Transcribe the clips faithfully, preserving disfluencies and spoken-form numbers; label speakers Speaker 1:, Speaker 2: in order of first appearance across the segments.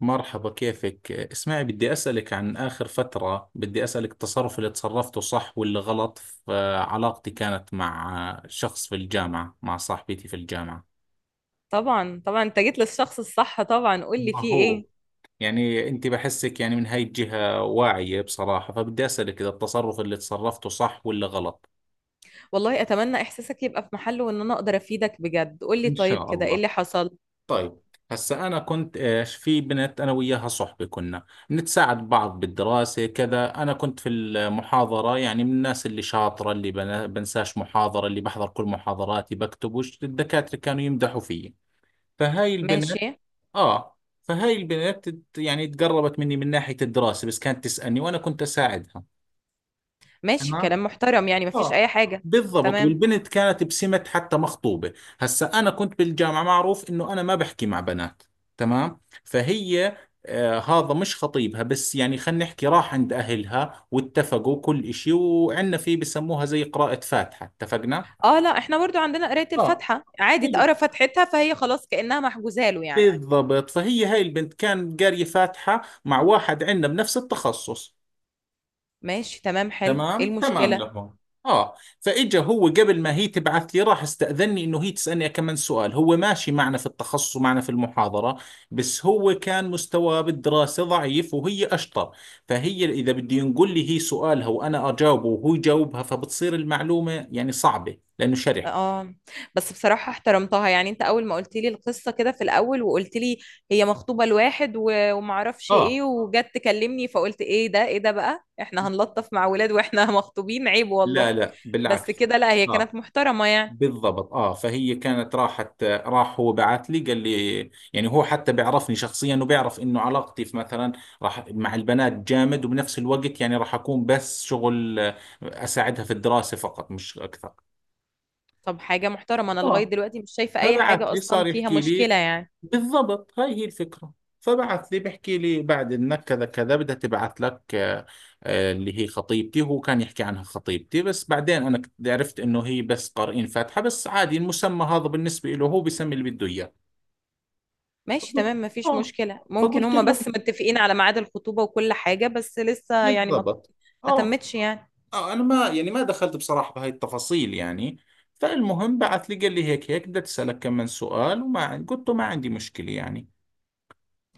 Speaker 1: مرحبا، كيفك؟ اسمعي، بدي أسألك عن آخر فترة، بدي أسألك التصرف اللي تصرفته صح واللي غلط. في علاقتي كانت مع شخص في الجامعة، مع صاحبتي في الجامعة.
Speaker 2: طبعا، طبعا انت جيت للشخص الصح. طبعا قول لي
Speaker 1: ما
Speaker 2: فيه
Speaker 1: هو
Speaker 2: ايه؟
Speaker 1: يعني أنت بحسك يعني من هاي الجهة واعية بصراحة، فبدي أسألك إذا التصرف اللي تصرفته صح ولا غلط.
Speaker 2: والله اتمنى احساسك يبقى في محله وان انا اقدر افيدك بجد. قول لي
Speaker 1: إن
Speaker 2: طيب،
Speaker 1: شاء
Speaker 2: كده ايه
Speaker 1: الله.
Speaker 2: اللي حصل؟
Speaker 1: طيب، هسا أنا كنت إيش في بنت، أنا وياها صحبة، كنا نتساعد بعض بالدراسة كذا. أنا كنت في المحاضرة يعني من الناس اللي شاطرة، اللي بنا- بنساش محاضرة، اللي بحضر كل محاضراتي، بكتب وش الدكاترة، كانوا يمدحوا فيي. فهاي البنت.
Speaker 2: ماشي.
Speaker 1: آه. فهاي البنت تت- يعني تقربت مني من ناحية الدراسة، بس كانت تسألني وأنا كنت أساعدها.
Speaker 2: ماشي
Speaker 1: تمام.
Speaker 2: كلام محترم، يعني مفيش
Speaker 1: اه،
Speaker 2: اي حاجة.
Speaker 1: بالضبط.
Speaker 2: تمام.
Speaker 1: والبنت كانت بسمة حتى مخطوبة. هسا أنا كنت بالجامعة معروف إنه أنا ما بحكي مع بنات. تمام، فهي آه هذا مش خطيبها، بس يعني خلينا نحكي، راح عند أهلها واتفقوا كل إشي، وعندنا في بسموها زي قراءة فاتحة، اتفقنا؟
Speaker 2: اه، لا احنا برضو عندنا قراية
Speaker 1: اه،
Speaker 2: الفاتحة، عادي،
Speaker 1: حلو،
Speaker 2: اتقرا فاتحتها فهي خلاص كأنها محجوزة له يعني.
Speaker 1: بالضبط. فهي هاي البنت كان قارية فاتحة مع واحد عندنا بنفس التخصص.
Speaker 2: ماشي تمام حلو، ايه
Speaker 1: تمام تمام
Speaker 2: المشكلة؟
Speaker 1: لهم. اه، فاجا هو قبل ما هي تبعث لي راح استأذني انه هي تسألني كمان سؤال. هو ماشي معنا في التخصص ومعنا في المحاضرة، بس هو كان مستواه بالدراسة ضعيف وهي اشطر. فهي اذا بده ينقل لي هي سؤالها وانا اجاوبه وهو يجاوبها، فبتصير المعلومة يعني صعبة لانه شرح.
Speaker 2: اه، بس بصراحة احترمتها يعني. انت اول ما قلت لي القصة كده في الاول وقلت لي هي مخطوبة لواحد و- ومعرفش ايه،
Speaker 1: اه،
Speaker 2: وجت تكلمني فقلت ايه ده، ايه ده، بقى احنا هنلطف مع ولاد واحنا مخطوبين، عيب
Speaker 1: لا
Speaker 2: والله.
Speaker 1: لا
Speaker 2: بس
Speaker 1: بالعكس.
Speaker 2: كده لا، هي كانت
Speaker 1: اه،
Speaker 2: محترمة يعني.
Speaker 1: بالضبط. اه، فهي كانت راحت راح هو بعث لي، قال لي يعني هو حتى بيعرفني شخصيا، وبيعرف انه علاقتي في مثلا راح مع البنات جامد، وبنفس الوقت يعني راح اكون بس شغل، آه، اساعدها في الدراسة فقط، مش اكثر.
Speaker 2: طب حاجة محترمة، انا لغاية
Speaker 1: اه،
Speaker 2: دلوقتي مش شايفة اي
Speaker 1: فبعث
Speaker 2: حاجة
Speaker 1: لي
Speaker 2: اصلا
Speaker 1: صار
Speaker 2: فيها
Speaker 1: يحكي لي.
Speaker 2: مشكلة يعني.
Speaker 1: بالضبط، هاي هي الفكرة. فبعث لي بحكي لي بعد انك كذا كذا بدها تبعث لك، آه، آه، اللي هي خطيبتي. هو كان يحكي عنها خطيبتي، بس بعدين انا كنت عرفت انه هي بس قارئين فاتحة، بس عادي المسمى هذا بالنسبة له، هو بيسمي اللي بده اياه.
Speaker 2: ماشي
Speaker 1: فقلت
Speaker 2: تمام مفيش
Speaker 1: اه
Speaker 2: مشكلة، ممكن
Speaker 1: فقلت
Speaker 2: هما
Speaker 1: له.
Speaker 2: بس متفقين على ميعاد الخطوبة وكل حاجة، بس لسه يعني ما
Speaker 1: بالضبط.
Speaker 2: ما
Speaker 1: اه،
Speaker 2: تمتش يعني.
Speaker 1: اه انا ما يعني ما دخلت بصراحة بهاي التفاصيل يعني. فالمهم بعث لي قال لي هيك هيك بدي اسالك كم من سؤال، وما عن- قلت له ما عندي مشكلة يعني.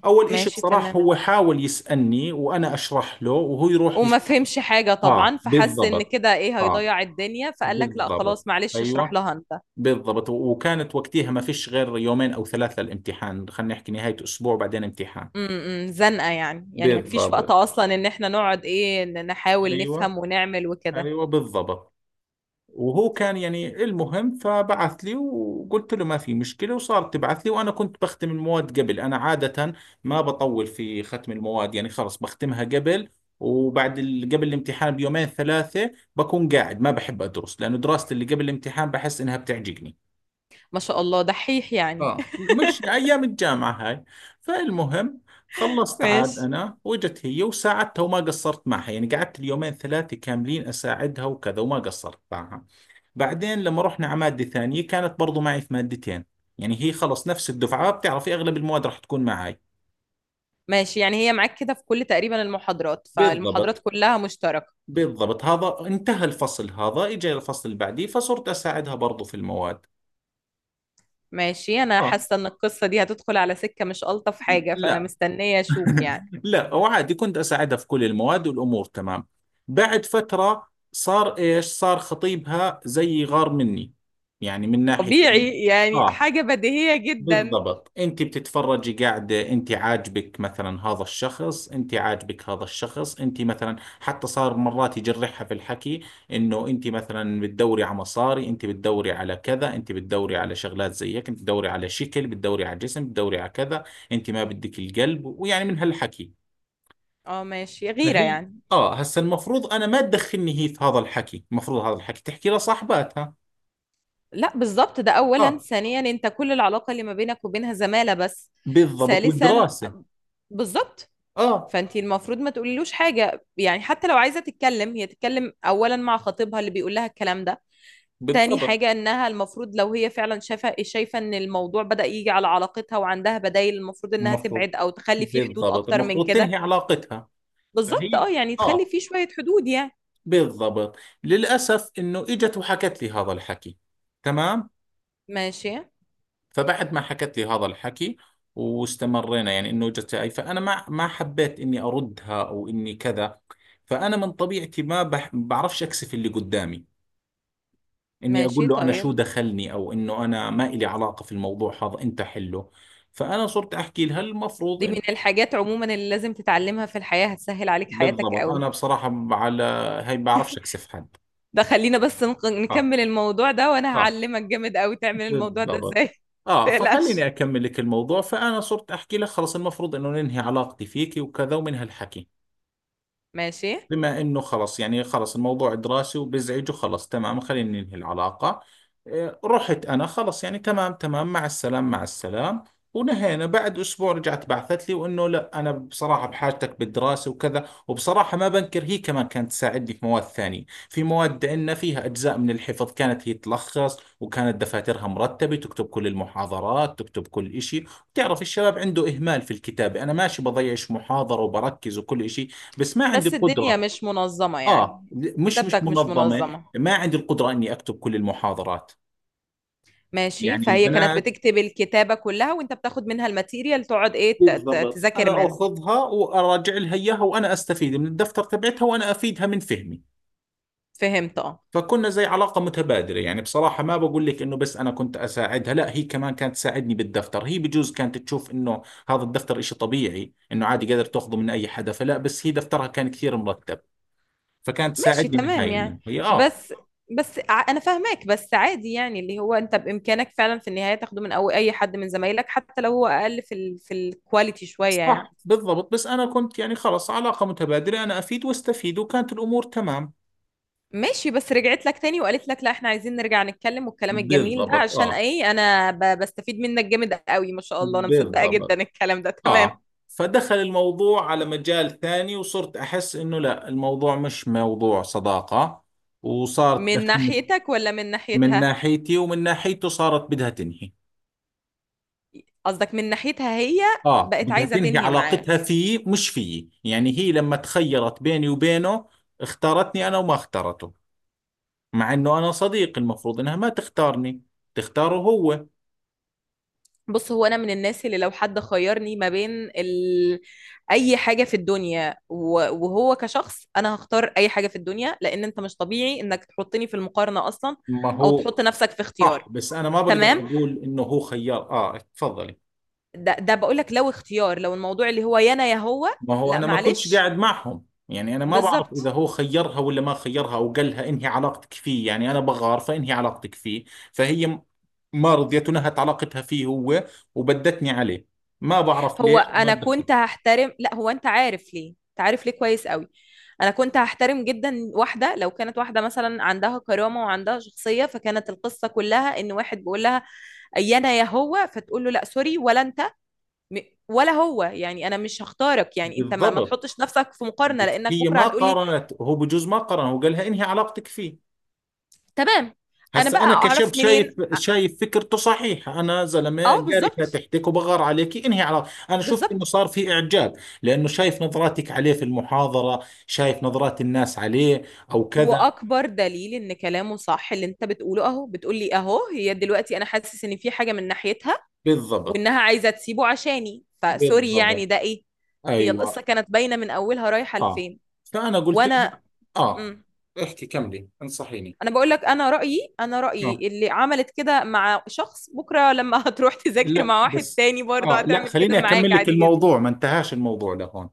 Speaker 1: اول اشي
Speaker 2: ماشي
Speaker 1: بصراحة
Speaker 2: تمام،
Speaker 1: هو حاول يسألني وانا اشرح له وهو يروح
Speaker 2: وما
Speaker 1: يشرح.
Speaker 2: فهمش حاجة
Speaker 1: اه،
Speaker 2: طبعا، فحس ان
Speaker 1: بالضبط.
Speaker 2: كده ايه
Speaker 1: اه،
Speaker 2: هيضيع الدنيا، فقال لك لا
Speaker 1: بالضبط،
Speaker 2: خلاص معلش اشرح
Speaker 1: ايوه،
Speaker 2: لها انت.
Speaker 1: بالضبط. و- وكانت وقتها ما فيش غير يومين او ثلاثة الامتحان، خلينا نحكي نهاية اسبوع بعدين امتحان.
Speaker 2: امم زنقة يعني، يعني مفيش وقت
Speaker 1: بالضبط،
Speaker 2: اصلا ان احنا نقعد ايه، ن- نحاول
Speaker 1: ايوه،
Speaker 2: نفهم ونعمل وكده.
Speaker 1: ايوه، بالضبط. وهو كان يعني المهم فبعث لي، وقلت له ما في مشكلة، وصارت تبعث لي، وأنا كنت بختم المواد قبل. أنا عادة ما بطول في ختم المواد، يعني خلص بختمها قبل. وبعد ال... قبل الامتحان بيومين ثلاثة بكون قاعد ما بحب أدرس، لأنه دراستي اللي قبل الامتحان بحس إنها بتعجقني.
Speaker 2: ما شاء الله، دحيح يعني.
Speaker 1: اه، مش أيام الجامعة هاي. فالمهم خلصت عاد
Speaker 2: ماشي.
Speaker 1: أنا، وجت هي وساعدتها وما قصرت معها، يعني قعدت اليومين ثلاثة كاملين أساعدها وكذا وما قصرت معها. بعدين لما رحنا على مادة ثانية كانت برضو معي في مادتين، يعني هي خلص نفس الدفعة، بتعرفي أغلب المواد راح تكون معي.
Speaker 2: ماشي يعني، هي معاك كده في كل تقريبا المحاضرات، فالمحاضرات
Speaker 1: بالضبط،
Speaker 2: كلها مشتركة.
Speaker 1: بالضبط. هذا انتهى الفصل، هذا إجا الفصل اللي بعديه فصرت أساعدها برضو في المواد.
Speaker 2: ماشي، انا
Speaker 1: آه،
Speaker 2: حاسة ان القصة دي هتدخل على سكة مش ألطف حاجة، فانا
Speaker 1: لا،
Speaker 2: مستنية اشوف يعني.
Speaker 1: لا، وعادي كنت أساعدها في كل المواد، والأمور تمام. بعد فترة صار إيش، صار خطيبها زي غار مني، يعني من ناحية إنه-
Speaker 2: طبيعي يعني،
Speaker 1: آه،
Speaker 2: حاجة بديهية جدا.
Speaker 1: بالضبط. انت بتتفرجي قاعده، انت عاجبك مثلا هذا الشخص، انت عاجبك هذا الشخص، انت مثلا حتى صار مرات يجرحها في الحكي، انه انت مثلا بتدوري على مصاري، انت بتدوري على كذا، انت بتدوري على شغلات زي هيك، انت بتدوري على شكل، بتدوري على جسم، بتدوري على كذا، انت ما بدك القلب، ويعني من هالحكي.
Speaker 2: اه ماشي، غيرة
Speaker 1: فهي
Speaker 2: يعني.
Speaker 1: اه، هسا المفروض انا ما تدخلني هي في هذا الحكي، المفروض هذا الحكي تحكي لصاحباتها.
Speaker 2: لا بالظبط، ده اولا.
Speaker 1: اه،
Speaker 2: ثانيا انت كل العلاقه اللي ما بينك وبينها زماله بس.
Speaker 1: بالضبط،
Speaker 2: ثالثا.
Speaker 1: والدراسه.
Speaker 2: بالظبط.
Speaker 1: اه،
Speaker 2: فانت المفروض ما تقوليلوش حاجه، يعني حتى لو عايزه تتكلم، هي تتكلم اولا مع خطيبها اللي بيقول لها الكلام ده. تاني
Speaker 1: بالضبط
Speaker 2: حاجه انها المفروض لو هي فعلا شايفه، شايفه ان الموضوع بدأ يجي على علاقتها وعندها بدايل، المفروض انها
Speaker 1: المفروض،
Speaker 2: تبعد او تخلي فيه حدود
Speaker 1: بالضبط
Speaker 2: اكتر من
Speaker 1: المفروض
Speaker 2: كده.
Speaker 1: تنهي علاقتها.
Speaker 2: بالظبط
Speaker 1: فهي
Speaker 2: اه، يعني تخلي
Speaker 1: اه،
Speaker 2: فيه شويه حدود يعني.
Speaker 1: بالضبط. للأسف انه اجت وحكت لي هذا الحكي. تمام.
Speaker 2: ماشي.
Speaker 1: فبعد ما حكت لي هذا الحكي، واستمرينا يعني انه اجت هاي، فانا ما ما حبيت اني اردها او اني كذا. فانا من طبيعتي ما بح- بعرفش اكسف اللي قدامي، اني اقول
Speaker 2: ماشي
Speaker 1: له انا شو
Speaker 2: طيب.
Speaker 1: دخلني، او انه انا ما إلي علاقة في الموضوع هذا انت حله. فانا صرت احكي لها المفروض.
Speaker 2: دي من الحاجات عموما اللي لازم تتعلمها في الحياه، هتسهل عليك حياتك
Speaker 1: بالضبط،
Speaker 2: قوي.
Speaker 1: انا بصراحه على هي ما بعرفش اكسف حد.
Speaker 2: ده خلينا بس نق-
Speaker 1: اه
Speaker 2: نكمل الموضوع ده، وانا
Speaker 1: اه
Speaker 2: هعلمك جامد قوي تعمل الموضوع ده
Speaker 1: بالضبط.
Speaker 2: ازاي
Speaker 1: اه، فخليني
Speaker 2: تقلقش.
Speaker 1: اكمل لك الموضوع. فانا صرت احكي لك خلص المفروض انه ننهي علاقتي فيكي وكذا ومن هالحكي.
Speaker 2: ماشي.
Speaker 1: بما انه خلص يعني خلص الموضوع دراسي وبزعج وخلص، تمام خلينا ننهي العلاقة. إيه، رحت انا، خلص يعني تمام تمام مع السلام مع السلام، ونهينا. بعد اسبوع رجعت بعثت لي، وانه لا انا بصراحة بحاجتك بالدراسة وكذا. وبصراحة ما بنكر هي كمان كانت تساعدني في مواد ثانية، في مواد عندنا فيها اجزاء من الحفظ، كانت هي تلخص، وكانت دفاترها مرتبة، تكتب كل المحاضرات، تكتب كل إشي. بتعرف الشباب عنده اهمال في الكتابة. انا ماشي بضيعش محاضرة وبركز وكل إشي، بس ما عندي
Speaker 2: بس الدنيا
Speaker 1: القدرة.
Speaker 2: مش منظمة
Speaker 1: اه،
Speaker 2: يعني.
Speaker 1: مش مش
Speaker 2: كتابتك مش
Speaker 1: منظمه،
Speaker 2: منظمة.
Speaker 1: ما عندي القدره اني اكتب كل المحاضرات.
Speaker 2: ماشي،
Speaker 1: يعني
Speaker 2: فهي كانت
Speaker 1: البنات.
Speaker 2: بتكتب الكتابة كلها، وانت بتاخد منها الماتيريال تقعد ايه ت- ت-
Speaker 1: بالضبط،
Speaker 2: تذاكر
Speaker 1: انا
Speaker 2: منها.
Speaker 1: اخذها واراجع لها اياها، وانا استفيد من الدفتر تبعتها وانا افيدها من فهمي.
Speaker 2: فهمت اه.
Speaker 1: فكنا زي علاقه متبادله يعني، بصراحه ما بقول لك انه بس انا كنت اساعدها، لا هي كمان كانت تساعدني بالدفتر. هي بجوز كانت تشوف انه هذا الدفتر إشي طبيعي انه عادي قادر تاخذه من اي حدا فلا، بس هي دفترها كان كثير مرتب، فكانت
Speaker 2: ماشي
Speaker 1: تساعدني من هاي
Speaker 2: تمام يعني.
Speaker 1: الناحيه. اه،
Speaker 2: بس. بس ع- انا فاهماك، بس عادي يعني اللي هو انت بامكانك فعلا في النهاية تاخده من أو اي حد من زمايلك، حتى لو هو اقل في ال في الكواليتي شوية يعني.
Speaker 1: صح، بالضبط. بس أنا كنت يعني خلص علاقة متبادلة، أنا أفيد واستفيد، وكانت الأمور تمام.
Speaker 2: ماشي، بس رجعت لك تاني وقالت لك لا احنا عايزين نرجع نتكلم، والكلام الجميل ده
Speaker 1: بالضبط،
Speaker 2: عشان
Speaker 1: اه،
Speaker 2: ايه؟ انا ب- بستفيد منك جامد قوي ما شاء الله. انا مصدقة جدا
Speaker 1: بالضبط.
Speaker 2: الكلام ده، تمام.
Speaker 1: آه، فدخل الموضوع على مجال ثاني، وصرت أحس إنه لا الموضوع مش موضوع صداقة، وصارت
Speaker 2: من
Speaker 1: تدخلني
Speaker 2: ناحيتك ولا من
Speaker 1: من
Speaker 2: ناحيتها؟
Speaker 1: ناحيتي ومن ناحيته، صارت بدها تنهي.
Speaker 2: قصدك من ناحيتها هي.
Speaker 1: آه،
Speaker 2: بقت
Speaker 1: بدها
Speaker 2: عايزة
Speaker 1: تنهي
Speaker 2: تنهي معاه.
Speaker 1: علاقتها فيه مش فيي، يعني هي لما تخيرت بيني وبينه اختارتني أنا وما اختارته. مع انه انا صديق، المفروض انها ما تختارني، تختاره هو.
Speaker 2: بص هو انا من الناس اللي لو حد خيرني ما بين ال... اي حاجة في الدنيا و... وهو كشخص، انا هختار اي حاجة في الدنيا، لان انت مش طبيعي انك تحطني في المقارنة اصلا،
Speaker 1: ما
Speaker 2: او
Speaker 1: هو
Speaker 2: تحط نفسك في اختيار.
Speaker 1: صح، بس انا ما بقدر
Speaker 2: تمام.
Speaker 1: اقول انه هو خيار. اه، تفضلي.
Speaker 2: ده ده بقول لك، لو اختيار، لو الموضوع اللي هو يا انا يا هو.
Speaker 1: ما هو
Speaker 2: لا
Speaker 1: انا ما كنتش
Speaker 2: معلش.
Speaker 1: قاعد معهم، يعني انا ما بعرف اذا
Speaker 2: بالظبط.
Speaker 1: هو خيرها ولا ما خيرها، او قال لها انهي علاقتك فيه يعني انا بغار فانهي علاقتك فيه. فهي م- ما رضيت ونهت علاقتها فيه هو، وبدتني عليه. ما بعرف
Speaker 2: هو
Speaker 1: ليش ما
Speaker 2: انا
Speaker 1: دخل.
Speaker 2: كنت هحترم، لا هو انت عارف ليه، انت عارف ليه كويس قوي. انا كنت هحترم جدا واحده، لو كانت واحده مثلا عندها كرامه وعندها شخصيه، فكانت القصه كلها ان واحد بيقول لها يا انا يا هو، فتقول له لا سوري ولا انت. م- ولا هو، يعني انا مش هختارك، يعني انت ما, ما
Speaker 1: بالضبط.
Speaker 2: تحطش نفسك في مقارنه،
Speaker 1: بس
Speaker 2: لانك
Speaker 1: هي
Speaker 2: بكره
Speaker 1: ما
Speaker 2: هتقولي.
Speaker 1: قارنت، هو بجوز ما قارن، هو قال لها انهي علاقتك فيه.
Speaker 2: تمام. انا بقى
Speaker 1: هسا انا كشاب
Speaker 2: اعرف منين.
Speaker 1: شايف، شايف فكرته صحيحه. انا زلمه
Speaker 2: اه
Speaker 1: قاري
Speaker 2: بالظبط.
Speaker 1: فاتحتك وبغار عليك، انهي على انا شفت انه
Speaker 2: بالظبط.
Speaker 1: صار في اعجاب، لانه شايف نظراتك عليه في المحاضره، شايف نظرات الناس عليه او كذا.
Speaker 2: واكبر دليل ان كلامه صح اللي انت بتقوله اهو، بتقولي اهو هي دلوقتي انا حاسس ان في حاجه من ناحيتها،
Speaker 1: بالضبط،
Speaker 2: وانها عايزه تسيبه عشاني، فسوري
Speaker 1: بالضبط،
Speaker 2: يعني ده ايه. هي القصه
Speaker 1: ايوه.
Speaker 2: كانت باينه من اولها رايحه
Speaker 1: اه،
Speaker 2: لفين.
Speaker 1: فانا قلت
Speaker 2: وانا.
Speaker 1: لها اه
Speaker 2: امم
Speaker 1: احكي كملي انصحيني.
Speaker 2: انا بقول لك، انا رايي، انا
Speaker 1: آه.
Speaker 2: رايي اللي عملت كده مع شخص بكره لما هتروح تذاكر
Speaker 1: لا
Speaker 2: مع واحد
Speaker 1: بس،
Speaker 2: تاني برضه
Speaker 1: اه لا
Speaker 2: هتعمل كده
Speaker 1: خليني اكمل
Speaker 2: معاك
Speaker 1: لك
Speaker 2: عادي جدا.
Speaker 1: الموضوع، ما انتهاش الموضوع لهون.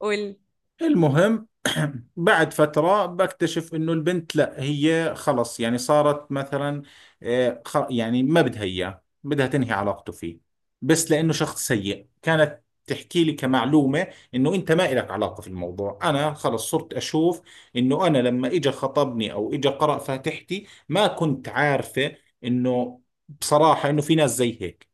Speaker 2: قول.
Speaker 1: المهم بعد فترة بكتشف انه البنت لا هي خلص يعني صارت مثلا، آه، خ- يعني ما بدها اياه، بدها تنهي علاقته فيه بس لانه شخص سيء. كانت تحكي لي كمعلومة انه انت ما إلك علاقة في الموضوع، انا خلص صرت اشوف انه انا لما اجى خطبني او اجى قرأ فاتحتي ما كنت عارفة انه بصراحة انه في ناس زي هيك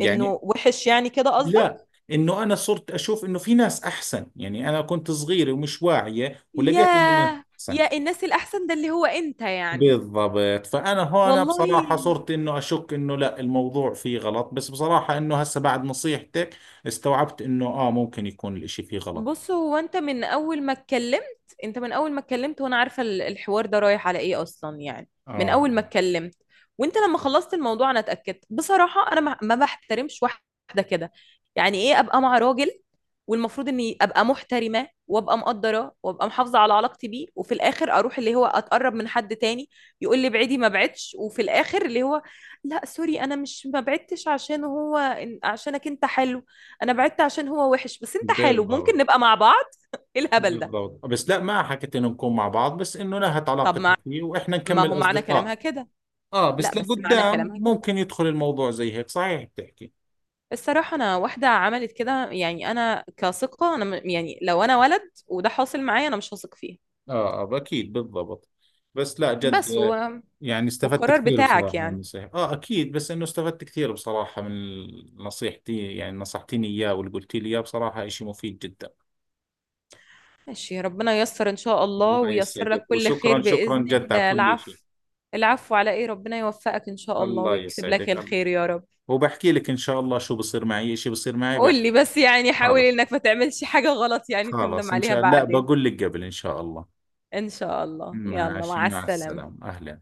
Speaker 2: انه وحش يعني كده قصدك؟
Speaker 1: لا، انه انا صرت اشوف انه في ناس احسن، يعني انا كنت صغيرة ومش واعية، ولقيت انه ناس
Speaker 2: ياه،
Speaker 1: احسن.
Speaker 2: يا الناس الاحسن ده اللي هو انت يعني.
Speaker 1: بالضبط. فانا هون
Speaker 2: والله.
Speaker 1: بصراحة صرت انه اشك انه لا الموضوع فيه غلط، بس بصراحة انه هسه بعد نصيحتك استوعبت انه اه ممكن يكون الاشي فيه غلط.
Speaker 2: بص، هو انت من اول ما اتكلمت، انت من اول ما اتكلمت وانا عارفه ال- الحوار ده رايح على ايه اصلا يعني. من
Speaker 1: اه،
Speaker 2: اول ما اتكلمت. وانت لما خلصت الموضوع انا اتاكدت بصراحه. انا ما ما بحترمش واحده كده. يعني ايه ابقى مع راجل، والمفروض اني ابقى محترمه وابقى مقدره وابقى محافظه على علاقتي بيه، وفي الاخر اروح اللي هو اتقرب من حد تاني، يقول لي ابعدي ما بعدش، وفي الاخر اللي هو لا سوري، انا مش ما بعدتش عشان هو، عشانك انت حلو، انا بعدت عشان هو وحش بس انت حلو، ممكن
Speaker 1: بالضبط،
Speaker 2: نبقى مع بعض. ايه الهبل ده.
Speaker 1: بالضبط. بس لا ما حكيت انه نكون مع بعض، بس انه نهت
Speaker 2: طب
Speaker 1: علاقتها
Speaker 2: ما.
Speaker 1: فيه واحنا
Speaker 2: ما هو
Speaker 1: نكمل
Speaker 2: معنى كلامها
Speaker 1: اصدقاء.
Speaker 2: كده.
Speaker 1: اه،
Speaker 2: لا
Speaker 1: بس
Speaker 2: بس معنى
Speaker 1: لقدام
Speaker 2: كلامها كده.
Speaker 1: ممكن يدخل الموضوع زي هيك، صحيح بتحكي.
Speaker 2: الصراحة أنا واحدة عملت كده، يعني أنا كثقة أنا م- يعني لو أنا ولد وده حاصل معايا أنا مش هثق فيه.
Speaker 1: اه، آه، اكيد، بالضبط. بس لا جد
Speaker 2: بس و...
Speaker 1: يعني استفدت
Speaker 2: والقرار
Speaker 1: كثير
Speaker 2: بتاعك
Speaker 1: بصراحة من
Speaker 2: يعني.
Speaker 1: النصيحة، اه اكيد. بس انه استفدت كثير بصراحة من نصيحتي يعني، نصحتيني اياه واللي قلتي لي اياه بصراحة اشي مفيد جدا.
Speaker 2: ماشي، ربنا ييسر إن شاء الله
Speaker 1: الله
Speaker 2: وييسر
Speaker 1: يسعدك،
Speaker 2: لك كل خير
Speaker 1: وشكرا شكرا
Speaker 2: بإذن
Speaker 1: جد على
Speaker 2: الله.
Speaker 1: كل شيء.
Speaker 2: العفو. العفو على إيه، ربنا يوفقك إن شاء الله
Speaker 1: الله
Speaker 2: ويكتب لك
Speaker 1: يسعدك، الله.
Speaker 2: الخير يا رب.
Speaker 1: وبحكي لك ان شاء الله شو بصير معي، اشي بصير معي
Speaker 2: قول لي
Speaker 1: بحكي.
Speaker 2: بس يعني، حاول
Speaker 1: خلاص
Speaker 2: إنك ما تعملش حاجة غلط يعني تندم
Speaker 1: خلاص ان
Speaker 2: عليها
Speaker 1: شاء الله، لا
Speaker 2: بعدين.
Speaker 1: بقول لك قبل ان شاء الله.
Speaker 2: إن شاء الله، يلا
Speaker 1: ماشي،
Speaker 2: مع
Speaker 1: مع
Speaker 2: السلامة.
Speaker 1: السلامة، اهلا.